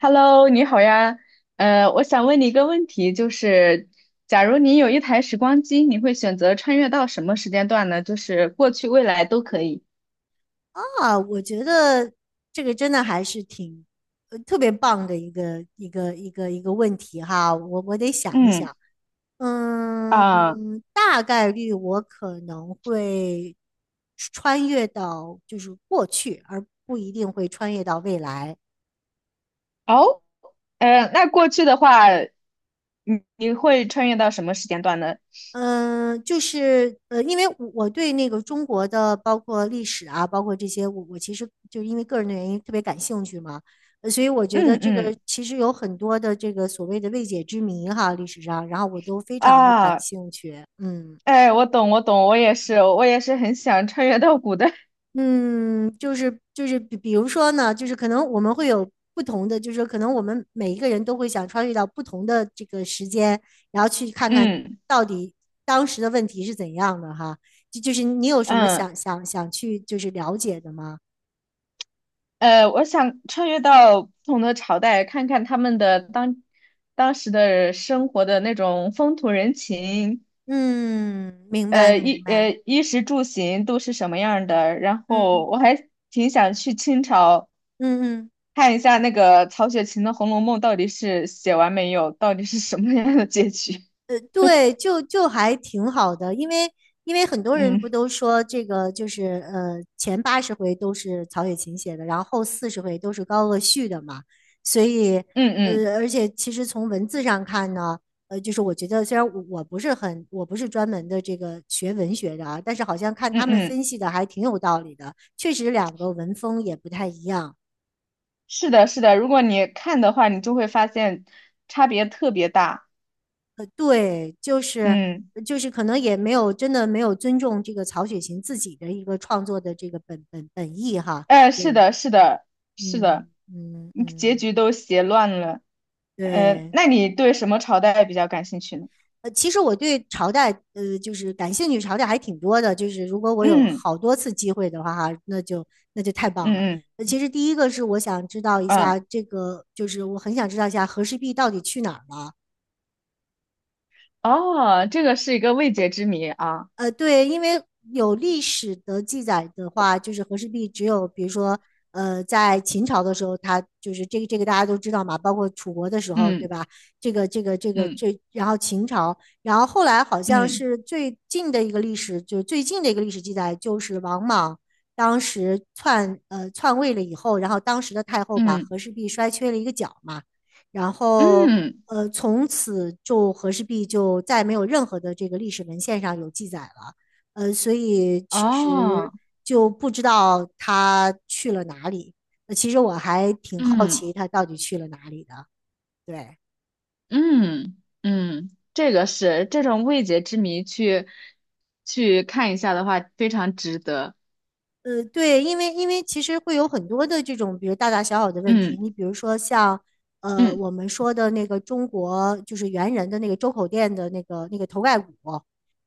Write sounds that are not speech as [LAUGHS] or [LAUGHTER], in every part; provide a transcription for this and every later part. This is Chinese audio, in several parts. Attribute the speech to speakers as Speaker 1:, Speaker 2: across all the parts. Speaker 1: Hello，你好呀。我想问你一个问题，就是假如你有一台时光机，你会选择穿越到什么时间段呢？就是过去、未来都可以。
Speaker 2: 啊，我觉得这个真的还是挺，特别棒的一个问题哈，我得想一
Speaker 1: 嗯
Speaker 2: 想，嗯，
Speaker 1: 啊，
Speaker 2: 大概率我可能会穿越到就是过去，而不一定会穿越到未来。
Speaker 1: 哦，那过去的话，你会穿越到什么时间段呢？
Speaker 2: 嗯，就是因为我对那个中国的包括历史啊，包括这些，我其实就因为个人的原因特别感兴趣嘛，所以我觉得
Speaker 1: 嗯
Speaker 2: 这个
Speaker 1: 嗯
Speaker 2: 其实有很多的这个所谓的未解之谜哈，历史上，然后我都非常的感
Speaker 1: 啊，
Speaker 2: 兴趣，嗯。
Speaker 1: 哎，我懂，我懂，我也是，我也是很想穿越到古代。
Speaker 2: 嗯，就是比如说呢，就是可能我们会有不同的，就是说可能我们每一个人都会想穿越到不同的这个时间，然后去
Speaker 1: [LAUGHS]
Speaker 2: 看看
Speaker 1: 嗯
Speaker 2: 到底当时的问题是怎样的哈。就是你有什么
Speaker 1: 嗯。
Speaker 2: 想去就是了解的吗？
Speaker 1: 我想穿越到不同的朝代，看看他们的当时的生活的那种风土人情，
Speaker 2: 嗯，明白明白。
Speaker 1: 衣食住行都是什么样儿的。然
Speaker 2: 嗯
Speaker 1: 后我还挺想去清朝
Speaker 2: 嗯嗯。
Speaker 1: 看一下那个曹雪芹的《红楼梦》到底是写完没有，到底是什么样的结局。[LAUGHS]
Speaker 2: 对，就还挺好的，因为很多人不
Speaker 1: 嗯
Speaker 2: 都说这个就是前80回都是曹雪芹写的，然后后40回都是高鹗续的嘛，所以
Speaker 1: 嗯嗯
Speaker 2: 而且其实从文字上看呢，就是我觉得虽然我不是很不是专门的这个学文学的啊，但是好像看
Speaker 1: 嗯
Speaker 2: 他们
Speaker 1: 嗯，
Speaker 2: 分析的还挺有道理的，确实两个文风也不太一样。
Speaker 1: 是的，是的。如果你看的话，你就会发现差别特别大。
Speaker 2: 对，就是
Speaker 1: 嗯。
Speaker 2: 就是可能也没有真的没有尊重这个曹雪芹自己的一个创作的这个本意哈。
Speaker 1: 是
Speaker 2: 对，
Speaker 1: 的，是的，是的，
Speaker 2: 嗯嗯
Speaker 1: 结
Speaker 2: 嗯，
Speaker 1: 局都写乱了。
Speaker 2: 对。
Speaker 1: 那你对什么朝代比较感兴趣呢？
Speaker 2: 其实我对朝代，就是感兴趣，朝代还挺多的。就是如果我有
Speaker 1: 嗯
Speaker 2: 好多次机会的话，哈，那就太棒了。
Speaker 1: 嗯嗯
Speaker 2: 其实第一个是我想知道一下
Speaker 1: 嗯，
Speaker 2: 这个，就是我很想知道一下和氏璧到底去哪儿了。
Speaker 1: 哦，这个是一个未解之谜啊。
Speaker 2: 对，因为有历史的记载的话，就是和氏璧只有比如说，在秦朝的时候，它就是这个大家都知道嘛，包括楚国的时候，对
Speaker 1: 嗯
Speaker 2: 吧？这个这个这个
Speaker 1: 嗯
Speaker 2: 这，然后秦朝，然后后来好像
Speaker 1: 嗯
Speaker 2: 是最近的一个历史，就是最近的一个历史记载，就是王莽当时篡位了以后，然后当时的太后把
Speaker 1: 嗯
Speaker 2: 和氏璧摔缺了一个角嘛。然后
Speaker 1: 嗯，
Speaker 2: 从此就和氏璧就再没有任何的这个历史文献上有记载了。所以其实
Speaker 1: 哦，
Speaker 2: 就不知道他去了哪里。其实我还挺好
Speaker 1: 嗯
Speaker 2: 奇他到底去了哪里的。对，
Speaker 1: 嗯嗯，这个是这种未解之谜去看一下的话，非常值得。
Speaker 2: 对，因为其实会有很多的这种，比如大大小小的问题。
Speaker 1: 嗯
Speaker 2: 你比如说像
Speaker 1: 嗯
Speaker 2: 我们说的那个中国就是猿人的那个周口店的那个头盖骨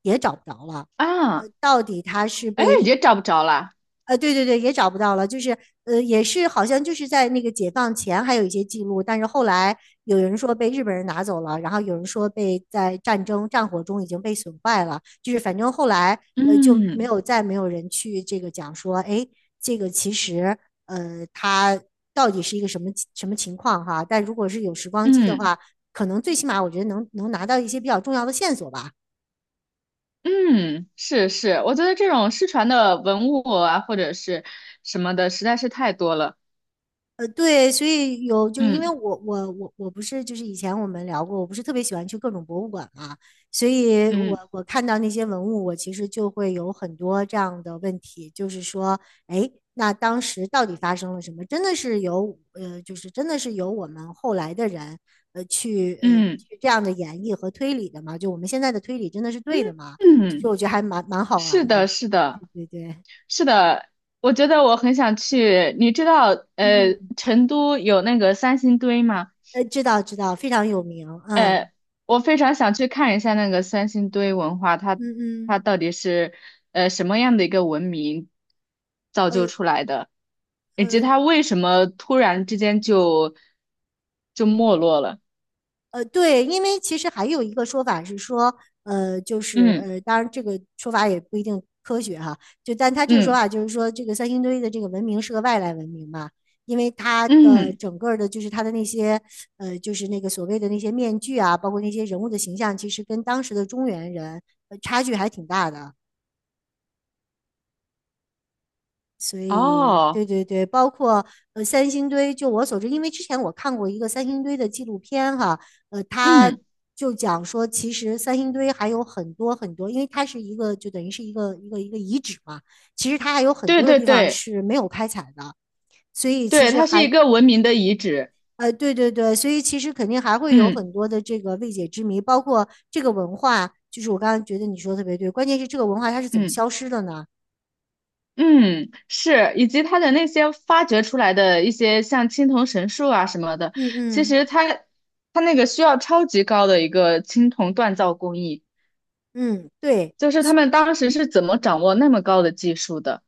Speaker 2: 也找不着了。
Speaker 1: 啊，
Speaker 2: 到底他是
Speaker 1: 哎，
Speaker 2: 被
Speaker 1: 也找不着了。
Speaker 2: 对对对，也找不到了，就是也是好像就是在那个解放前还有一些记录，但是后来有人说被日本人拿走了，然后有人说被在战争战火中已经被损坏了，就是反正后来就没
Speaker 1: 嗯
Speaker 2: 有再没有人去这个讲说，哎，这个其实它到底是一个什么什么情况哈？但如果是有时光机的
Speaker 1: 嗯。
Speaker 2: 话，可能最起码我觉得能拿到一些比较重要的线索吧。
Speaker 1: 嗯，是是，我觉得这种失传的文物啊，或者是什么的，实在是太多了。
Speaker 2: 对，所以有就是因为
Speaker 1: 嗯
Speaker 2: 我不是就是以前我们聊过，我不是特别喜欢去各种博物馆嘛，所以我
Speaker 1: 嗯
Speaker 2: 我看到那些文物，我其实就会有很多这样的问题，就是说，哎，那当时到底发生了什么？真的是有我们后来的人呃去呃
Speaker 1: 嗯
Speaker 2: 去这样的演绎和推理的吗？就我们现在的推理真的是对的吗？其实
Speaker 1: 嗯，
Speaker 2: 我觉得还蛮好
Speaker 1: 是
Speaker 2: 玩的，
Speaker 1: 的，是的，
Speaker 2: 对对对，
Speaker 1: 是的。我觉得我很想去，你知道，
Speaker 2: 嗯，
Speaker 1: 成都有那个三星堆吗？
Speaker 2: 知道知道，非常有名，嗯
Speaker 1: 呃，我非常想去看一下那个三星堆文化，它
Speaker 2: 嗯嗯。
Speaker 1: 它到底是什么样的一个文明造就
Speaker 2: 呃
Speaker 1: 出来的，以及
Speaker 2: 呃
Speaker 1: 它为什么突然之间就没落了？
Speaker 2: 对，因为其实还有一个说法是说，就是
Speaker 1: 嗯
Speaker 2: 当然这个说法也不一定科学哈，就但他这个说
Speaker 1: 嗯
Speaker 2: 法就是说，这个三星堆的这个文明是个外来文明嘛，因为它的
Speaker 1: 嗯，
Speaker 2: 整个儿的，就是它的那些就是那个所谓的那些面具啊，包括那些人物的形象，其实跟当时的中原人，差距还挺大的。所以，对
Speaker 1: 哦，
Speaker 2: 对对，包括三星堆，就我所知，因为之前我看过一个三星堆的纪录片哈，他
Speaker 1: 嗯，
Speaker 2: 就讲说，其实三星堆还有很多很多，因为它是一个就等于是一个遗址嘛，其实它还有很
Speaker 1: 对
Speaker 2: 多的
Speaker 1: 对
Speaker 2: 地方
Speaker 1: 对
Speaker 2: 是没有开采的，所以其
Speaker 1: 对，
Speaker 2: 实
Speaker 1: 它是一
Speaker 2: 还
Speaker 1: 个文明的遗址。
Speaker 2: 对对对，所以其实肯定还会有
Speaker 1: 嗯
Speaker 2: 很多的这个未解之谜，包括这个文化，就是我刚刚觉得你说的特别对，关键是这个文化它是怎么
Speaker 1: 嗯。
Speaker 2: 消失的呢？
Speaker 1: 嗯，是，以及他的那些发掘出来的一些像青铜神树啊什么的，
Speaker 2: 嗯
Speaker 1: 其
Speaker 2: 嗯
Speaker 1: 实他那个需要超级高的一个青铜锻造工艺，
Speaker 2: 嗯，对。
Speaker 1: 就是他们当时是怎么掌握那么高的技术的，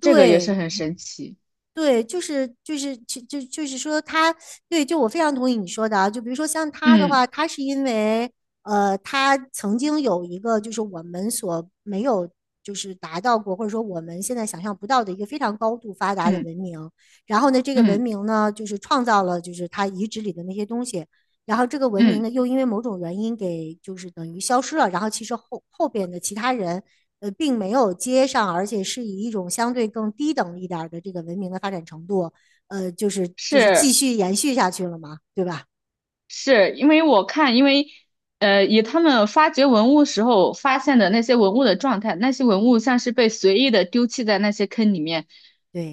Speaker 1: 这个也是
Speaker 2: 对
Speaker 1: 很神奇。
Speaker 2: 对，就是说他，对，就我非常同意你说的啊。就比如说像他的
Speaker 1: 嗯
Speaker 2: 话，他是因为他曾经有一个就是我们所没有就是达到过，或者说我们现在想象不到的一个非常高度发达的
Speaker 1: 嗯
Speaker 2: 文明。然后呢，这个文
Speaker 1: 嗯
Speaker 2: 明呢，就是创造了就是他遗址里的那些东西。然后这个文明
Speaker 1: 嗯，
Speaker 2: 呢，又因为某种原因给就是等于消失了。然后其实后边的其他人并没有接上，而且是以一种相对更低等一点的这个文明的发展程度，就是继
Speaker 1: 是。
Speaker 2: 续延续下去了嘛，对吧？
Speaker 1: 是因为我看，因为以他们发掘文物时候发现的那些文物的状态，那些文物像是被随意的丢弃在那些坑里面，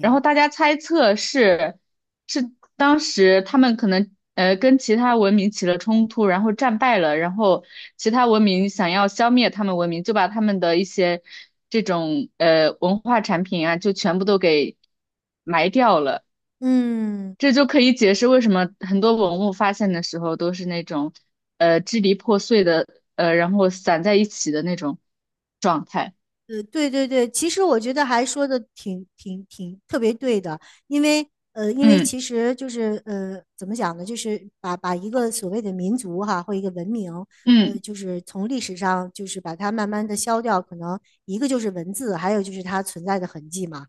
Speaker 1: 然后大家猜测是当时他们可能跟其他文明起了冲突，然后战败了，然后其他文明想要消灭他们文明，就把他们的一些这种文化产品啊，就全部都给埋掉了。
Speaker 2: 嗯，
Speaker 1: 这就可以解释为什么很多文物发现的时候都是那种，支离破碎的，然后散在一起的那种状态。
Speaker 2: 对对对，其实我觉得还说的挺特别对的，因为因为
Speaker 1: 嗯
Speaker 2: 其实就是怎么讲呢，就是把一个所谓的民族哈或一个文明，
Speaker 1: 嗯
Speaker 2: 就是从历史上就是把它慢慢的消掉，可能一个就是文字，还有就是它存在的痕迹嘛。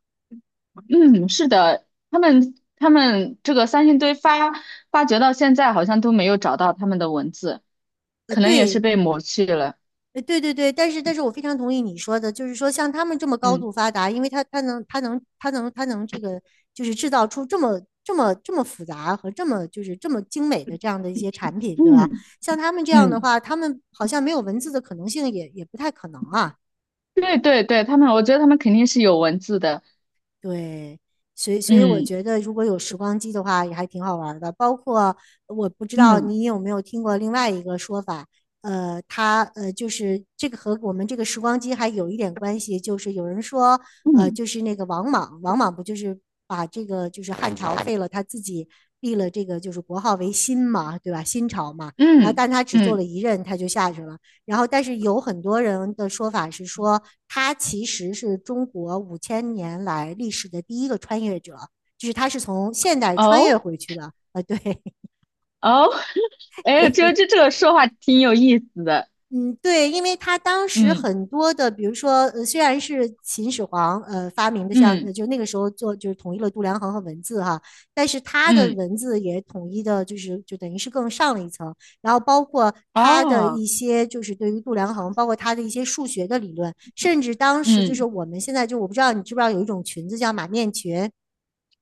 Speaker 1: 嗯，是的，他们这个三星堆发掘到现在好像都没有找到他们的文字，可能也是
Speaker 2: 对
Speaker 1: 被抹去了。
Speaker 2: 呃，对对对，但是我非常同意你说的，就是说像他们这么高度
Speaker 1: 嗯
Speaker 2: 发达，因为他能这个就是制造出这么复杂和这么精美的这样的一些产品，对吧？
Speaker 1: 嗯
Speaker 2: 像他们这样的
Speaker 1: 嗯，
Speaker 2: 话，他们好像没有文字的可能性也不太可能啊。
Speaker 1: 对对对，他们，我觉得他们肯定是有文字的。
Speaker 2: 对，所以我
Speaker 1: 嗯
Speaker 2: 觉得，如果有时光机的话，也还挺好玩儿的。包括我不知道
Speaker 1: 嗯
Speaker 2: 你有没有听过另外一个说法，他就是这个和我们这个时光机还有一点关系，就是有人说，
Speaker 1: 嗯
Speaker 2: 就是那个王莽，王莽不就是把这个就是汉朝废了，他自己立了这个就是国号为新嘛，对吧？新朝嘛，然后
Speaker 1: 嗯
Speaker 2: 但他只做了
Speaker 1: 嗯
Speaker 2: 一任，他就下去了。然后，但是有很多人的说法是说，他其实是中国5000年来历史的第一个穿越者，就是他是从现代穿越
Speaker 1: 哦。
Speaker 2: 回去的。啊，对
Speaker 1: 哦，[LAUGHS] 哎，这
Speaker 2: 对，
Speaker 1: 这这个说话挺有意思的。
Speaker 2: 嗯，对，因为他当时
Speaker 1: 嗯
Speaker 2: 很多的，比如说，虽然是秦始皇发明的像，
Speaker 1: 嗯
Speaker 2: 就那个时候做就是统一了度量衡和文字哈，但是他的
Speaker 1: 嗯，
Speaker 2: 文字也统一的，就是就等于是更上了一层，然后包括他的
Speaker 1: 哦，
Speaker 2: 一些就是对于度量衡，包括他的一些数学的理论，甚至当时就是
Speaker 1: 嗯
Speaker 2: 我们现在就我不知道你知不知道有一种裙子叫马面裙。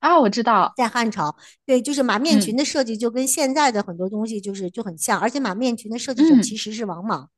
Speaker 1: 啊，我知道。
Speaker 2: 在汉朝，对，就是马面裙
Speaker 1: 嗯
Speaker 2: 的设计就跟现在的很多东西就是就很像，而且马面裙的设计者其
Speaker 1: 嗯，
Speaker 2: 实是王莽，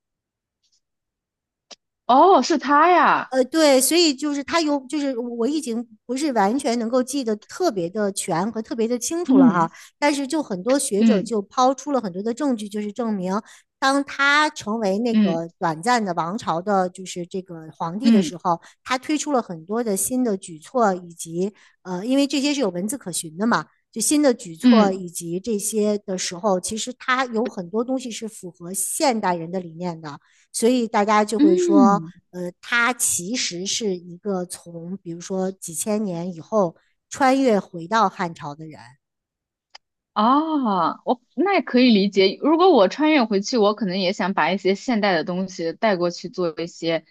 Speaker 1: 哦，是他呀。
Speaker 2: 对，所以就是他有，就是我已经不是完全能够记得特别的全和特别的清楚了
Speaker 1: 嗯
Speaker 2: 哈，但是就很多学者
Speaker 1: 嗯
Speaker 2: 就抛出了很多的证据，就是证明，当他成为那
Speaker 1: 嗯
Speaker 2: 个短暂的王朝的，就是这个皇帝的
Speaker 1: 嗯
Speaker 2: 时候，他推出了很多的新的举措，以及因为这些是有文字可循的嘛，就新的举措
Speaker 1: 嗯
Speaker 2: 以及这些的时候，其实他有很多东西是符合现代人的理念的。所以大家就会说，
Speaker 1: 嗯，
Speaker 2: 他其实是一个从比如说几千年以后穿越回到汉朝的人。
Speaker 1: 哦，我那也可以理解。如果我穿越回去，我可能也想把一些现代的东西带过去做一些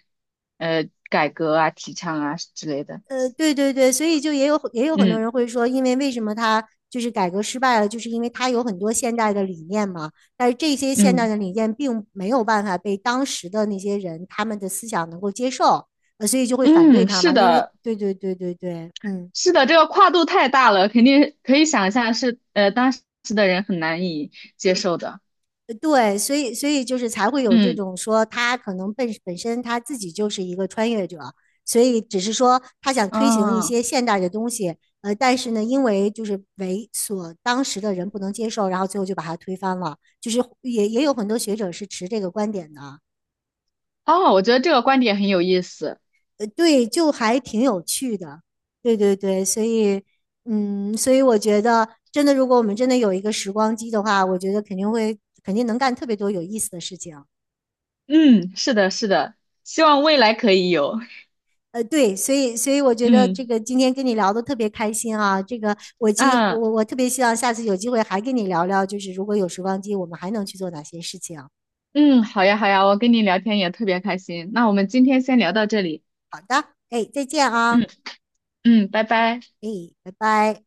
Speaker 1: 改革啊、提倡啊之类的。
Speaker 2: 对对对，所以就也有很多
Speaker 1: 嗯
Speaker 2: 人会说，为什么他就是改革失败了，就是因为他有很多现代的理念嘛，但是这些现代的
Speaker 1: 嗯
Speaker 2: 理念并没有办法被当时的那些人他们的思想能够接受，所以就会反对
Speaker 1: 嗯，
Speaker 2: 他嘛，
Speaker 1: 是的。
Speaker 2: 对对对对对，嗯。
Speaker 1: 是的，这个跨度太大了，肯定可以想象是当时的人很难以接受的。
Speaker 2: 对，所以就是才会有这
Speaker 1: 嗯
Speaker 2: 种说他可能本身他自己就是一个穿越者，所以只是说他想推行一
Speaker 1: 嗯
Speaker 2: 些现代的东西，但是呢，因为就是为所当时的人不能接受，然后最后就把它推翻了，就是也有很多学者是持这个观点的，
Speaker 1: 哦，我觉得这个观点很有意思。
Speaker 2: 对，就还挺有趣的，对对对，嗯，所以我觉得真的，如果我们真的有一个时光机的话，我觉得肯定能干特别多有意思的事情。
Speaker 1: 嗯，是的，是的，希望未来可以有。
Speaker 2: 对，所以我觉得这
Speaker 1: 嗯
Speaker 2: 个今天跟你聊的特别开心啊，这个我今
Speaker 1: 啊
Speaker 2: 我我特别希望下次有机会还跟你聊聊，就是如果有时光机，我们还能去做哪些事情？
Speaker 1: 嗯，好呀好呀，我跟你聊天也特别开心。那我们今天先聊到这里。
Speaker 2: 哎，再见啊，
Speaker 1: 嗯嗯，拜拜。
Speaker 2: 哎，拜拜。